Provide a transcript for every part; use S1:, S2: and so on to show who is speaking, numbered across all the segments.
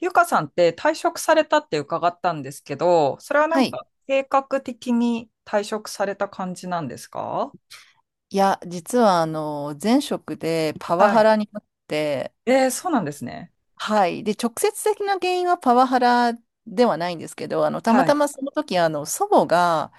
S1: ゆかさんって退職されたって伺ったんですけど、それはな
S2: は
S1: ん
S2: い。
S1: か計画的に退職された感じなんですか？
S2: いや、実は、前職でパワ
S1: はい。
S2: ハラになって、
S1: そうなんですね。
S2: はい。で、直接的な原因はパワハラではないんですけど、たま
S1: は
S2: た
S1: い。
S2: まその時、祖母が、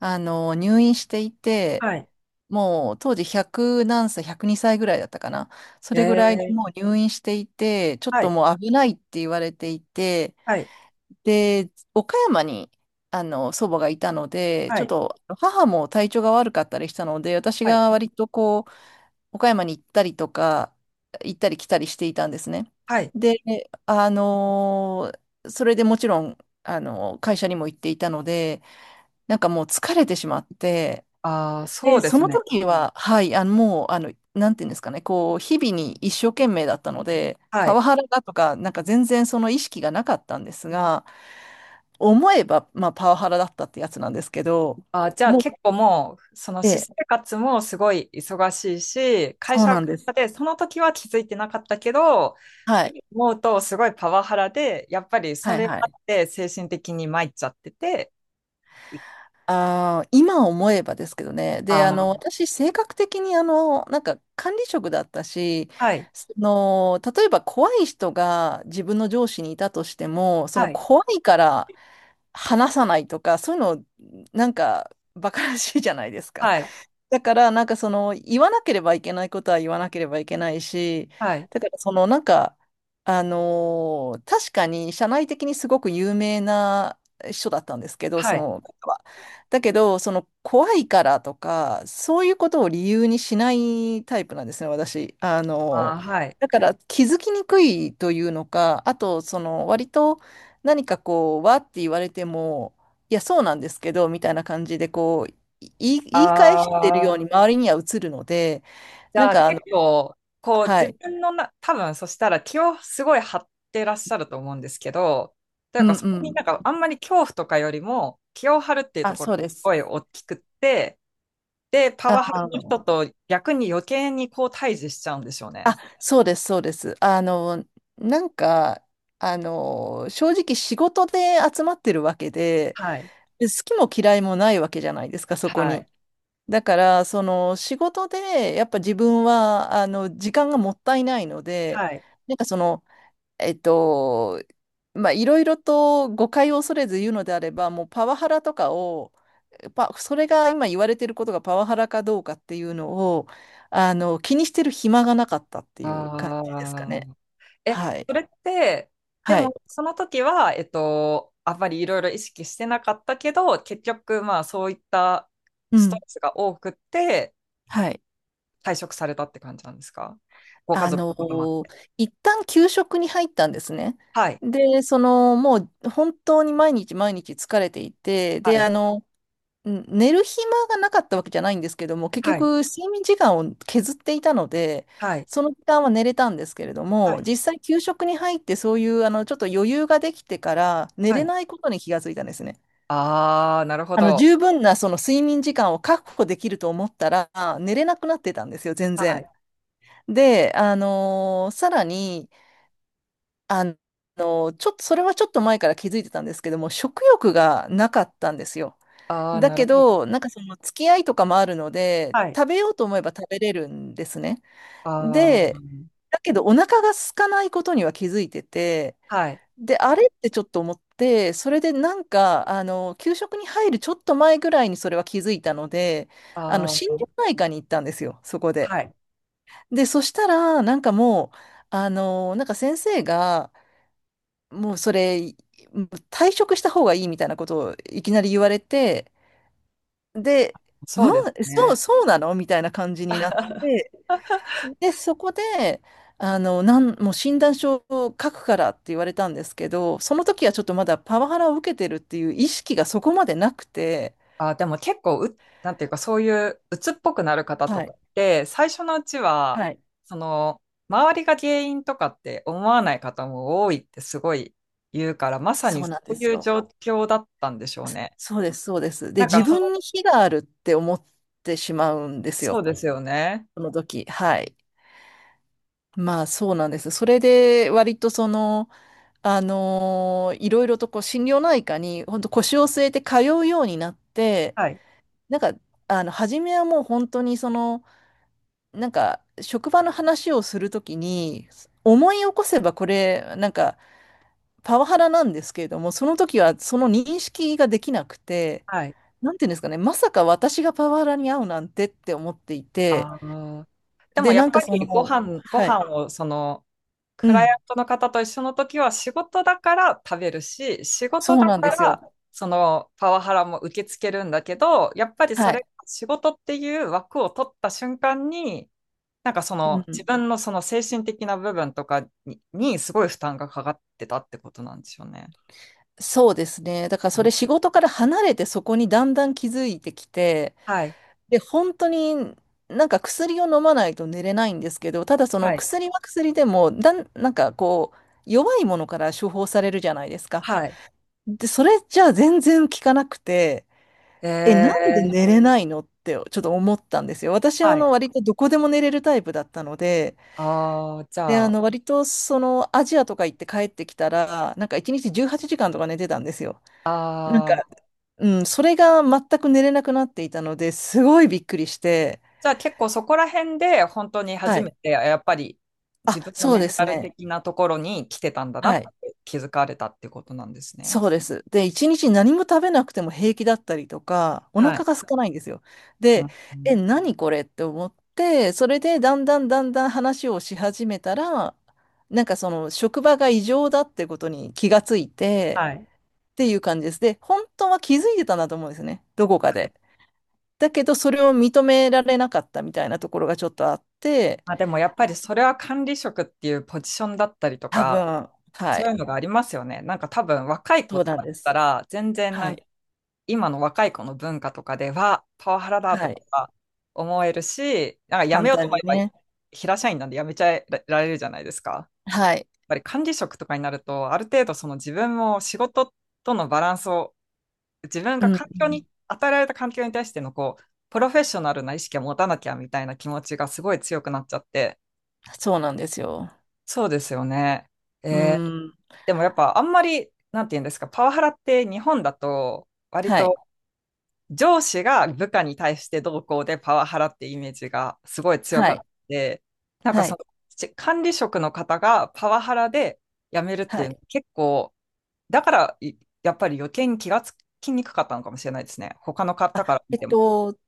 S2: 入院していて、
S1: はい。
S2: もう当時100何歳、102歳ぐらいだったかな。そ
S1: え
S2: れぐらいで
S1: ー。
S2: もう入院していて、ちょっ
S1: は
S2: と
S1: い。
S2: もう危ないって言われていて、
S1: はい。
S2: で、岡山に、祖母がいたので、
S1: は
S2: ちょっ
S1: い。
S2: と母も体調が悪かったりしたので、私
S1: はい。
S2: が割とこう、岡山に行ったりとか、行ったり来たりしていたんですね。
S1: はい。
S2: で、あのーそれでもちろん、会社にも行っていたので、なんかもう疲れてしまって、
S1: ああ、そ
S2: で、
S1: うで
S2: そ
S1: す
S2: の
S1: ね。
S2: 時は、はい、もう、なんていうんですかね、こう、日々に一生懸命だったので、
S1: は
S2: パ
S1: い。
S2: ワハラだとか、なんか全然その意識がなかったんですが、思えば、まあ、パワハラだったってやつなんですけど、
S1: あー、じゃあ
S2: もう、
S1: 結構もう、その
S2: え
S1: 私生
S2: え、
S1: 活もすごい忙しいし、会
S2: そう
S1: 社
S2: なんです。
S1: でその時は気づいてなかったけど、
S2: はい、
S1: 今思うとすごいパワハラで、やっぱりそ
S2: はい、
S1: れが
S2: は
S1: あ
S2: い。
S1: って精神的に参っちゃってて、
S2: ああ、今思えばですけどね。で、
S1: ああ。
S2: 私、性格的に、管理職だったし、
S1: はい。
S2: その、例えば怖い人が自分の上司にいたとしても、その
S1: はい。
S2: 怖いから話さないとか、そういうの、なんか、馬鹿らしいじゃないですか。
S1: はい。
S2: だから、なんかその、言わなければいけないことは言わなければいけないし、
S1: はい。
S2: だからその、確かに社内的にすごく有名な人だったんですけど、
S1: は
S2: そ
S1: い。
S2: の方は。だけど、その、怖いからとか、そういうことを理由にしないタイプなんですね、私。
S1: ああ、はい。
S2: だから、気づきにくいというのか、あと、その、割と何かこう、わって言われても、いや、そうなんですけど、みたいな感じで、こう、い言い言い返してる
S1: あ
S2: ように
S1: あ、
S2: 周りには映るので、
S1: じ
S2: なん
S1: ゃあ
S2: かあの
S1: 結構、こう
S2: は
S1: 自
S2: い。
S1: 分のな、多分そしたら気をすごい張ってらっしゃると思うんですけど、という
S2: う
S1: か
S2: ん
S1: そ
S2: う
S1: こになんか
S2: ん。
S1: あんまり恐怖とかよりも気を張るっていうと
S2: あ、
S1: ころ
S2: そう
S1: が
S2: で
S1: す
S2: す。
S1: ごい大きくって、で、パ
S2: あ
S1: ワハラの人
S2: あ。
S1: と逆に余計にこう対峙しちゃうんでしょうね。
S2: あ、そうですそうです。なんか、正直仕事で集まってるわけで、
S1: はい。
S2: で好きも嫌いもないわけじゃないですか、そこ
S1: は
S2: に。
S1: い。
S2: だから、その仕事で、やっぱ自分は、時間がもったいないので、
S1: はい。
S2: なんかその、えっと、まあ、いろいろと誤解を恐れず言うのであれば、もうパワハラとかを、パ、それが今言われていることがパワハラかどうかっていうのを、気にしてる暇がなかったっていう感じですか
S1: あ
S2: ね。
S1: あ。え、
S2: はい。
S1: それって、で
S2: は
S1: も、
S2: い。
S1: その時は、あんまりいろいろ意識してなかったけど、結局、まあ、そういった
S2: う
S1: ストレ
S2: ん。
S1: スが多くって、
S2: はい。
S1: 退職されたって感じなんですか？ご家
S2: あ
S1: 族のこともあっ
S2: の、
S1: て。
S2: 一旦休職に入ったんですね。
S1: はい。
S2: で、その、もう本当に毎日毎日疲れていて、
S1: は
S2: で、
S1: い。
S2: うん、寝る暇がなかったわけじゃないんですけども、結
S1: はい。
S2: 局睡眠時間を削っていたので、
S1: はい。
S2: その時間は寝れたんですけれど
S1: は
S2: も、
S1: い。
S2: 実際給食に入ってそういうちょっと余裕ができてから寝
S1: は
S2: れ
S1: い。
S2: ないことに気がついたんですね。
S1: ああ、なるほど。
S2: 十分なその睡眠時間を確保できると思ったら寝れなくなってたんですよ、全
S1: は
S2: 然。
S1: い。
S2: で、さらに、あのちょっと、それはちょっと前から気づいてたんですけども、食欲がなかったんですよ。
S1: ああ、
S2: だ
S1: なる
S2: け
S1: ほど。
S2: ど、なんかその付き合いとかもあるので、
S1: はい。
S2: 食べようと思えば食べれるんですね。
S1: ああ、
S2: で、だけどお腹が空かないことには気づいてて、
S1: はい。
S2: で、あれってちょっと思って、それでなんか、給食に入るちょっと前ぐらいにそれは気づいたので、
S1: あ
S2: 心
S1: あ、
S2: 療内科に行ったんですよ、そこで。
S1: はい。
S2: で、そしたら、なんかもう、先生が、もうそれ、退職した方がいいみたいなことをいきなり言われて、で、う
S1: そうです
S2: んそう、
S1: ね。
S2: そうなのみたいな感じになっ て、で、そこで、もう診断書を書くからって言われたんですけど、その時はちょっとまだパワハラを受けてるっていう意識がそこまでなくて、
S1: あ、でも結構う、なんていうか、そういう鬱っぽくなる方と
S2: は
S1: か
S2: い、
S1: って、最初のうちは、
S2: はい、
S1: その、周りが原因とかって思わない方も多いってすごい言うから、まさに
S2: そう
S1: そ
S2: なん
S1: う
S2: です
S1: いう状
S2: よ。
S1: 況だったんでしょう
S2: そ
S1: ね。
S2: そうです、そうです。で、
S1: なん
S2: 自
S1: か、その、
S2: 分に非があるって思ってしまうんです
S1: そう
S2: よ。
S1: ですよね。
S2: その時。はい。まあ、そうなんです。それで、割とその、いろいろとこう心療内科に本当腰を据えて通うようになって、
S1: はい。
S2: なんか、初めはもう本当にその、なんか、職場の話をするときに、思い起こせばこれ、なんか、パワハラなんですけれども、その時はその認識ができなくて、
S1: はい。
S2: なんていうんですかね、まさか私がパワハラに遭うなんてって思っていて、
S1: ああ。でも
S2: で、
S1: やっ
S2: なん
S1: ぱ
S2: かそ
S1: りご
S2: の、
S1: 飯、ご
S2: はい、
S1: 飯をその、
S2: う
S1: クライア
S2: ん、
S1: ントの方と一緒の時は仕事だから食べるし、仕
S2: そ
S1: 事
S2: う
S1: だ
S2: なん
S1: か
S2: ですよ。
S1: らそのパワハラも受け付けるんだけど、やっぱりそ
S2: は
S1: れ
S2: い。
S1: が仕事っていう枠を取った瞬間に、なんかそ
S2: う
S1: の自
S2: ん、
S1: 分のその精神的な部分とかに、にすごい負担がかかってたってことなんでしょうね。
S2: そうですね。だからそれ仕事から離れてそこにだんだん気づいてきて、
S1: はい。
S2: で、本当になんか薬を飲まないと寝れないんですけど、ただその
S1: はい。
S2: 薬は薬でも、なんかこう、弱いものから処方されるじゃないですか。
S1: はい。
S2: で、それじゃあ全然効かなくて、
S1: え
S2: え、なんで
S1: ー。
S2: 寝れないのってちょっと思ったんですよ。私は
S1: はい。
S2: 割とどこでも寝れるタイプだったので、
S1: ああ、じ
S2: で、
S1: ゃあ、
S2: 割とそのアジアとか行って帰ってきたら、なんか1日18時間とか寝てたんですよ。なんか
S1: ああ、
S2: うん、それが全く寝れなくなっていたので、すごいびっくりして、
S1: じゃあ結構そこら辺で本当に
S2: は
S1: 初め
S2: い。
S1: てやっぱり自
S2: あ、
S1: 分の
S2: そう
S1: メン
S2: で
S1: タ
S2: す
S1: ル
S2: ね。
S1: 的なところに来てたんだな
S2: は
S1: っ
S2: い。
S1: て気づかれたってことなんですね。
S2: そうです。で、一日何も食べなくても平気だったりとか、お
S1: は
S2: 腹
S1: い。
S2: が空かないんですよ。
S1: う
S2: で、
S1: んう
S2: え、
S1: ん。
S2: 何これって思って、それでだんだんだんだん話をし始めたら、なんかその職場が異常だってことに気がついて、
S1: はい。
S2: っていう感じです。で、本当は気づいてたんだと思うんですね。どこかで。だけど、それを認められなかったみたいなところがちょっとあって、
S1: まあでもやっぱりそれは管理職っていうポジションだったりと
S2: 多
S1: か、
S2: 分、は
S1: そう
S2: い。
S1: いうのがありますよね。なんか多分若い子
S2: そう
S1: と
S2: なん
S1: かだ
S2: で
S1: った
S2: す。
S1: ら、全然な
S2: は
S1: んか
S2: い。
S1: 今の若い子の文化とかでは、パワハラだと
S2: はい。
S1: か思えるし、なんかやめ
S2: 簡
S1: ようと
S2: 単
S1: 思
S2: に
S1: えば、
S2: ね。
S1: 平社員なんでやめちゃえられるじゃないですか。
S2: はい。
S1: ぱり管理職とかになると、ある程度その自分も仕事とのバランスを、自分
S2: う
S1: が
S2: ん、
S1: 環境
S2: う
S1: に、
S2: ん。
S1: 与えられた環境に対してのこう、プロフェッショナルな意識を持たなきゃみたいな気持ちがすごい強くなっちゃって。
S2: そうなんですよ。
S1: そうですよね。
S2: う
S1: えー。
S2: ん。
S1: でもやっぱあんまり、なんて言うんですか、パワハラって日本だと、割
S2: はい。
S1: と上司が部下に対してどうこうでパワハラってイメージがすごい強
S2: は
S1: かったの
S2: い。
S1: で、なんか
S2: は
S1: そ
S2: い。
S1: の、ち管理職の方がパワハラで辞めるって
S2: は
S1: いうの
S2: い。
S1: 結構だから、いやっぱり余計に気がつきにくかったのかもしれないですね。他の方
S2: あ、
S1: から見
S2: えっ
S1: ても。
S2: と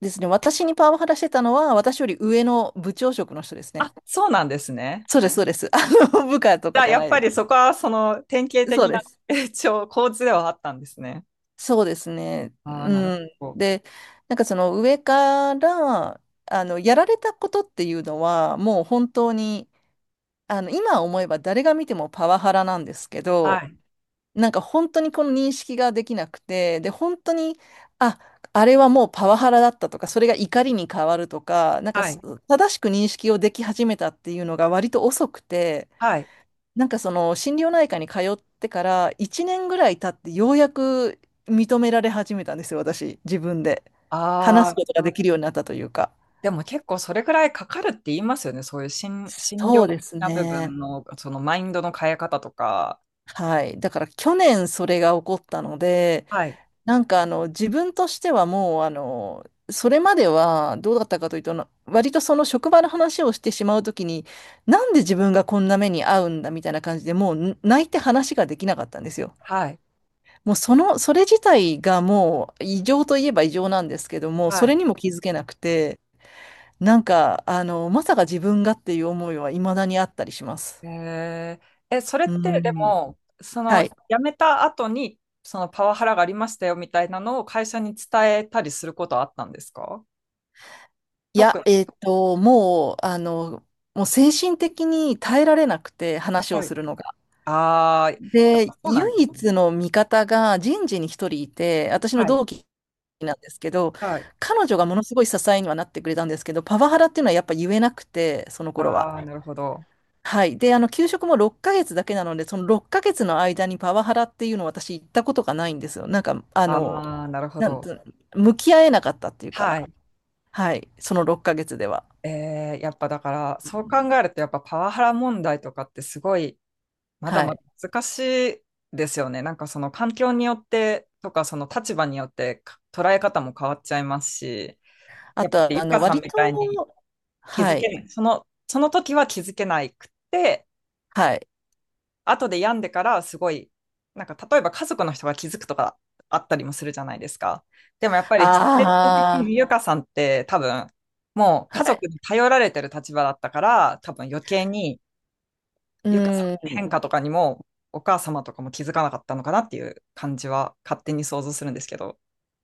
S2: ですね。私にパワハラしてたのは、私より上の部長職の人ですね。
S1: あ、そうなんですね。
S2: そうです、そうです。部下と
S1: じ
S2: か
S1: ゃあ、
S2: じゃ
S1: や
S2: な
S1: っ
S2: い
S1: ぱ
S2: で
S1: りそこは、その、典型
S2: す。そう
S1: 的
S2: で
S1: な、
S2: す。
S1: 一応、構図ではあったんですね。
S2: そうですね。
S1: ああ、なる
S2: うん。
S1: ほど。
S2: で、なんかその上から、やられたことっていうのは、もう本当に、今思えば誰が見てもパワハラなんですけ
S1: は
S2: ど、
S1: い。
S2: なんか本当にこの認識ができなくて、で、本当に、あ、あれはもうパワハラだったとか、それが怒りに変わるとか、なんか
S1: は
S2: す
S1: い。
S2: 正しく認識をでき始めたっていうのが割と遅くて、
S1: はい。
S2: なんかその心療内科に通ってから1年ぐらい経ってようやく認められ始めたんですよ、私、自分で。
S1: あ
S2: 話す
S1: あ、
S2: ことができるようになったというか。
S1: でも結構それくらいかかるって言いますよね。そういう心、心
S2: そ
S1: 療
S2: うで
S1: 的
S2: す
S1: な部分
S2: ね。
S1: の、そのマインドの変え方とか。
S2: はい。だから去年それが起こったので、
S1: はい。
S2: なんか自分としてはもうそれまではどうだったかというとな割とその職場の話をしてしまうときに、なんで自分がこんな目に遭うんだみたいな感じでも泣いて話ができなかったんですよ。
S1: はい。
S2: もうそのそれ自体がもう異常といえば異常なんですけども、そ
S1: は
S2: れ
S1: い。
S2: にも気づけなくて、なんかまさか自分がっていう思いは未だにあったりします。
S1: えー、え、それっ
S2: う
S1: てで
S2: ん、
S1: も、そ
S2: は
S1: の辞
S2: い
S1: めた後に、そのパワハラがありましたよみたいなのを会社に伝えたりすることはあったんですか？
S2: い
S1: 特
S2: や、
S1: に。
S2: もう、もう精神的に耐えられなくて、話を
S1: はい。
S2: するのが。
S1: ああ、やっぱ
S2: で、
S1: そうなんで
S2: 唯
S1: すね。
S2: 一の味方が人事に一人いて、私の
S1: はい。
S2: 同期なんですけど、
S1: はい。
S2: 彼女がものすごい支えにはなってくれたんですけど、パワハラっていうのはやっぱ言えなくて、その頃は。
S1: ああ、なるほど。
S2: はい。で、給食も6ヶ月だけなので、その6ヶ月の間にパワハラっていうのを私行ったことがないんですよ。なんか、あ
S1: あ
S2: の、
S1: あ、なるほ
S2: なん
S1: ど。
S2: と、向き合えなかったっていう
S1: は
S2: か、
S1: い。
S2: はい。その6ヶ月では。
S1: えー、やっぱだから、そう考えると、やっぱパワハラ問題とかってすごい、まだ
S2: は
S1: ま
S2: い。
S1: だ難しいですよね。なんかその環境によってとか、その立場によってか捉え方も変わっちゃいますし。
S2: あ
S1: やっぱり
S2: と、
S1: ゆかさん
S2: 割
S1: み
S2: と、
S1: たいに気
S2: は
S1: づけ
S2: い、
S1: ない。その、その時は気づけないくって、
S2: はい。
S1: 後で病んでからすごい、なんか例えば家族の人が気づくとかあったりもするじゃないですか。でもやっぱり、ステ的
S2: あ
S1: にゆかさんって多分、もう
S2: あ、
S1: 家
S2: はい。
S1: 族に頼られてる立場だったから、多分余計に
S2: う
S1: ゆかさんの変
S2: ん。
S1: 化とかにも、お母様とかも気づかなかったのかなっていう感じは勝手に想像するんですけど、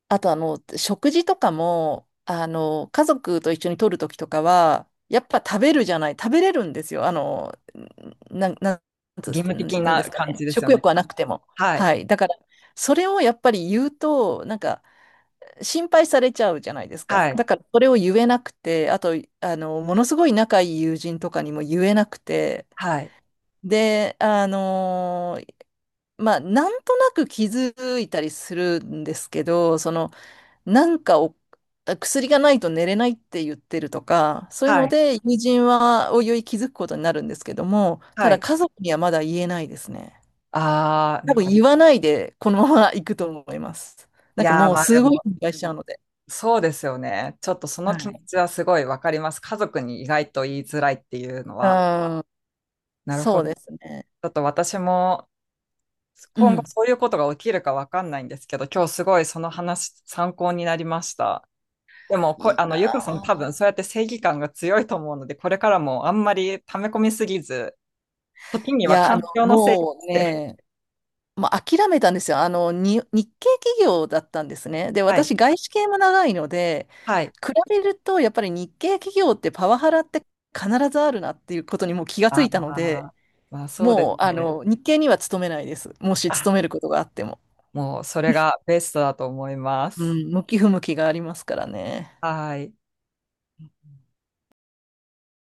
S2: あと、食事とかも、家族と一緒に取るときとかは、やっぱ食べるじゃない、食べれるんですよ。あの、なん、なんつ
S1: 義務
S2: う
S1: 的
S2: ん言うんです
S1: な
S2: か
S1: 感
S2: ね。
S1: じですよ
S2: 食
S1: ね。
S2: 欲はなくても。
S1: はい。
S2: はい。だから、それをやっぱり言うと、なんか、心配されちゃうじゃないです
S1: は
S2: か。
S1: い。
S2: だから、それを言えなくて、あと、ものすごい仲いい友人とかにも言えなくて、
S1: はい。
S2: で、まあ、なんとなく気づいたりするんですけど、その、なんかを、薬がないと寝れないって言ってるとか、そういう
S1: は
S2: の
S1: い。
S2: で、友人はおいおい気づくことになるんですけども、た
S1: は
S2: だ
S1: い。
S2: 家族にはまだ言えないですね。
S1: ああ、
S2: 多
S1: なん
S2: 分
S1: か、い
S2: 言わないで、このまま行くと思います。なんか
S1: やー、
S2: もう
S1: まあで
S2: すごい
S1: も、
S2: 心配しちゃうので。
S1: そうですよね。ちょっとその気持ちはすごいわかります。家族に意外と言いづらいっていうの
S2: う
S1: は。
S2: ん、
S1: なるほ
S2: そう
S1: ど。ち
S2: ですね。
S1: ょっと私も
S2: う
S1: 今後
S2: ん。
S1: そういうことが起きるかわかんないんですけど、今日すごいその話参考になりました。でも
S2: い
S1: こ、
S2: や
S1: あの、ゆかさん多
S2: ー、
S1: 分そうやって正義感が強いと思うので、これからもあんまり溜め込みすぎず、時に
S2: い
S1: は
S2: や、
S1: 環境のせいに
S2: もう
S1: して。
S2: ね、まあ、諦めたんですよ。日系企業だったんですね。で、
S1: はい。
S2: 私、外資系も長いので、
S1: はい。
S2: 比べると、やっぱり日系企業ってパワハラって必ずあるなっていうことにもう気がつ
S1: あ
S2: いたので、
S1: あ、まあそうです
S2: もう、
S1: ね。
S2: 日系には勤めないです。もし勤めることがあっても。
S1: もうそれがベストだと思いま
S2: う
S1: す。
S2: ん、向き不向きがありますからね。
S1: はい。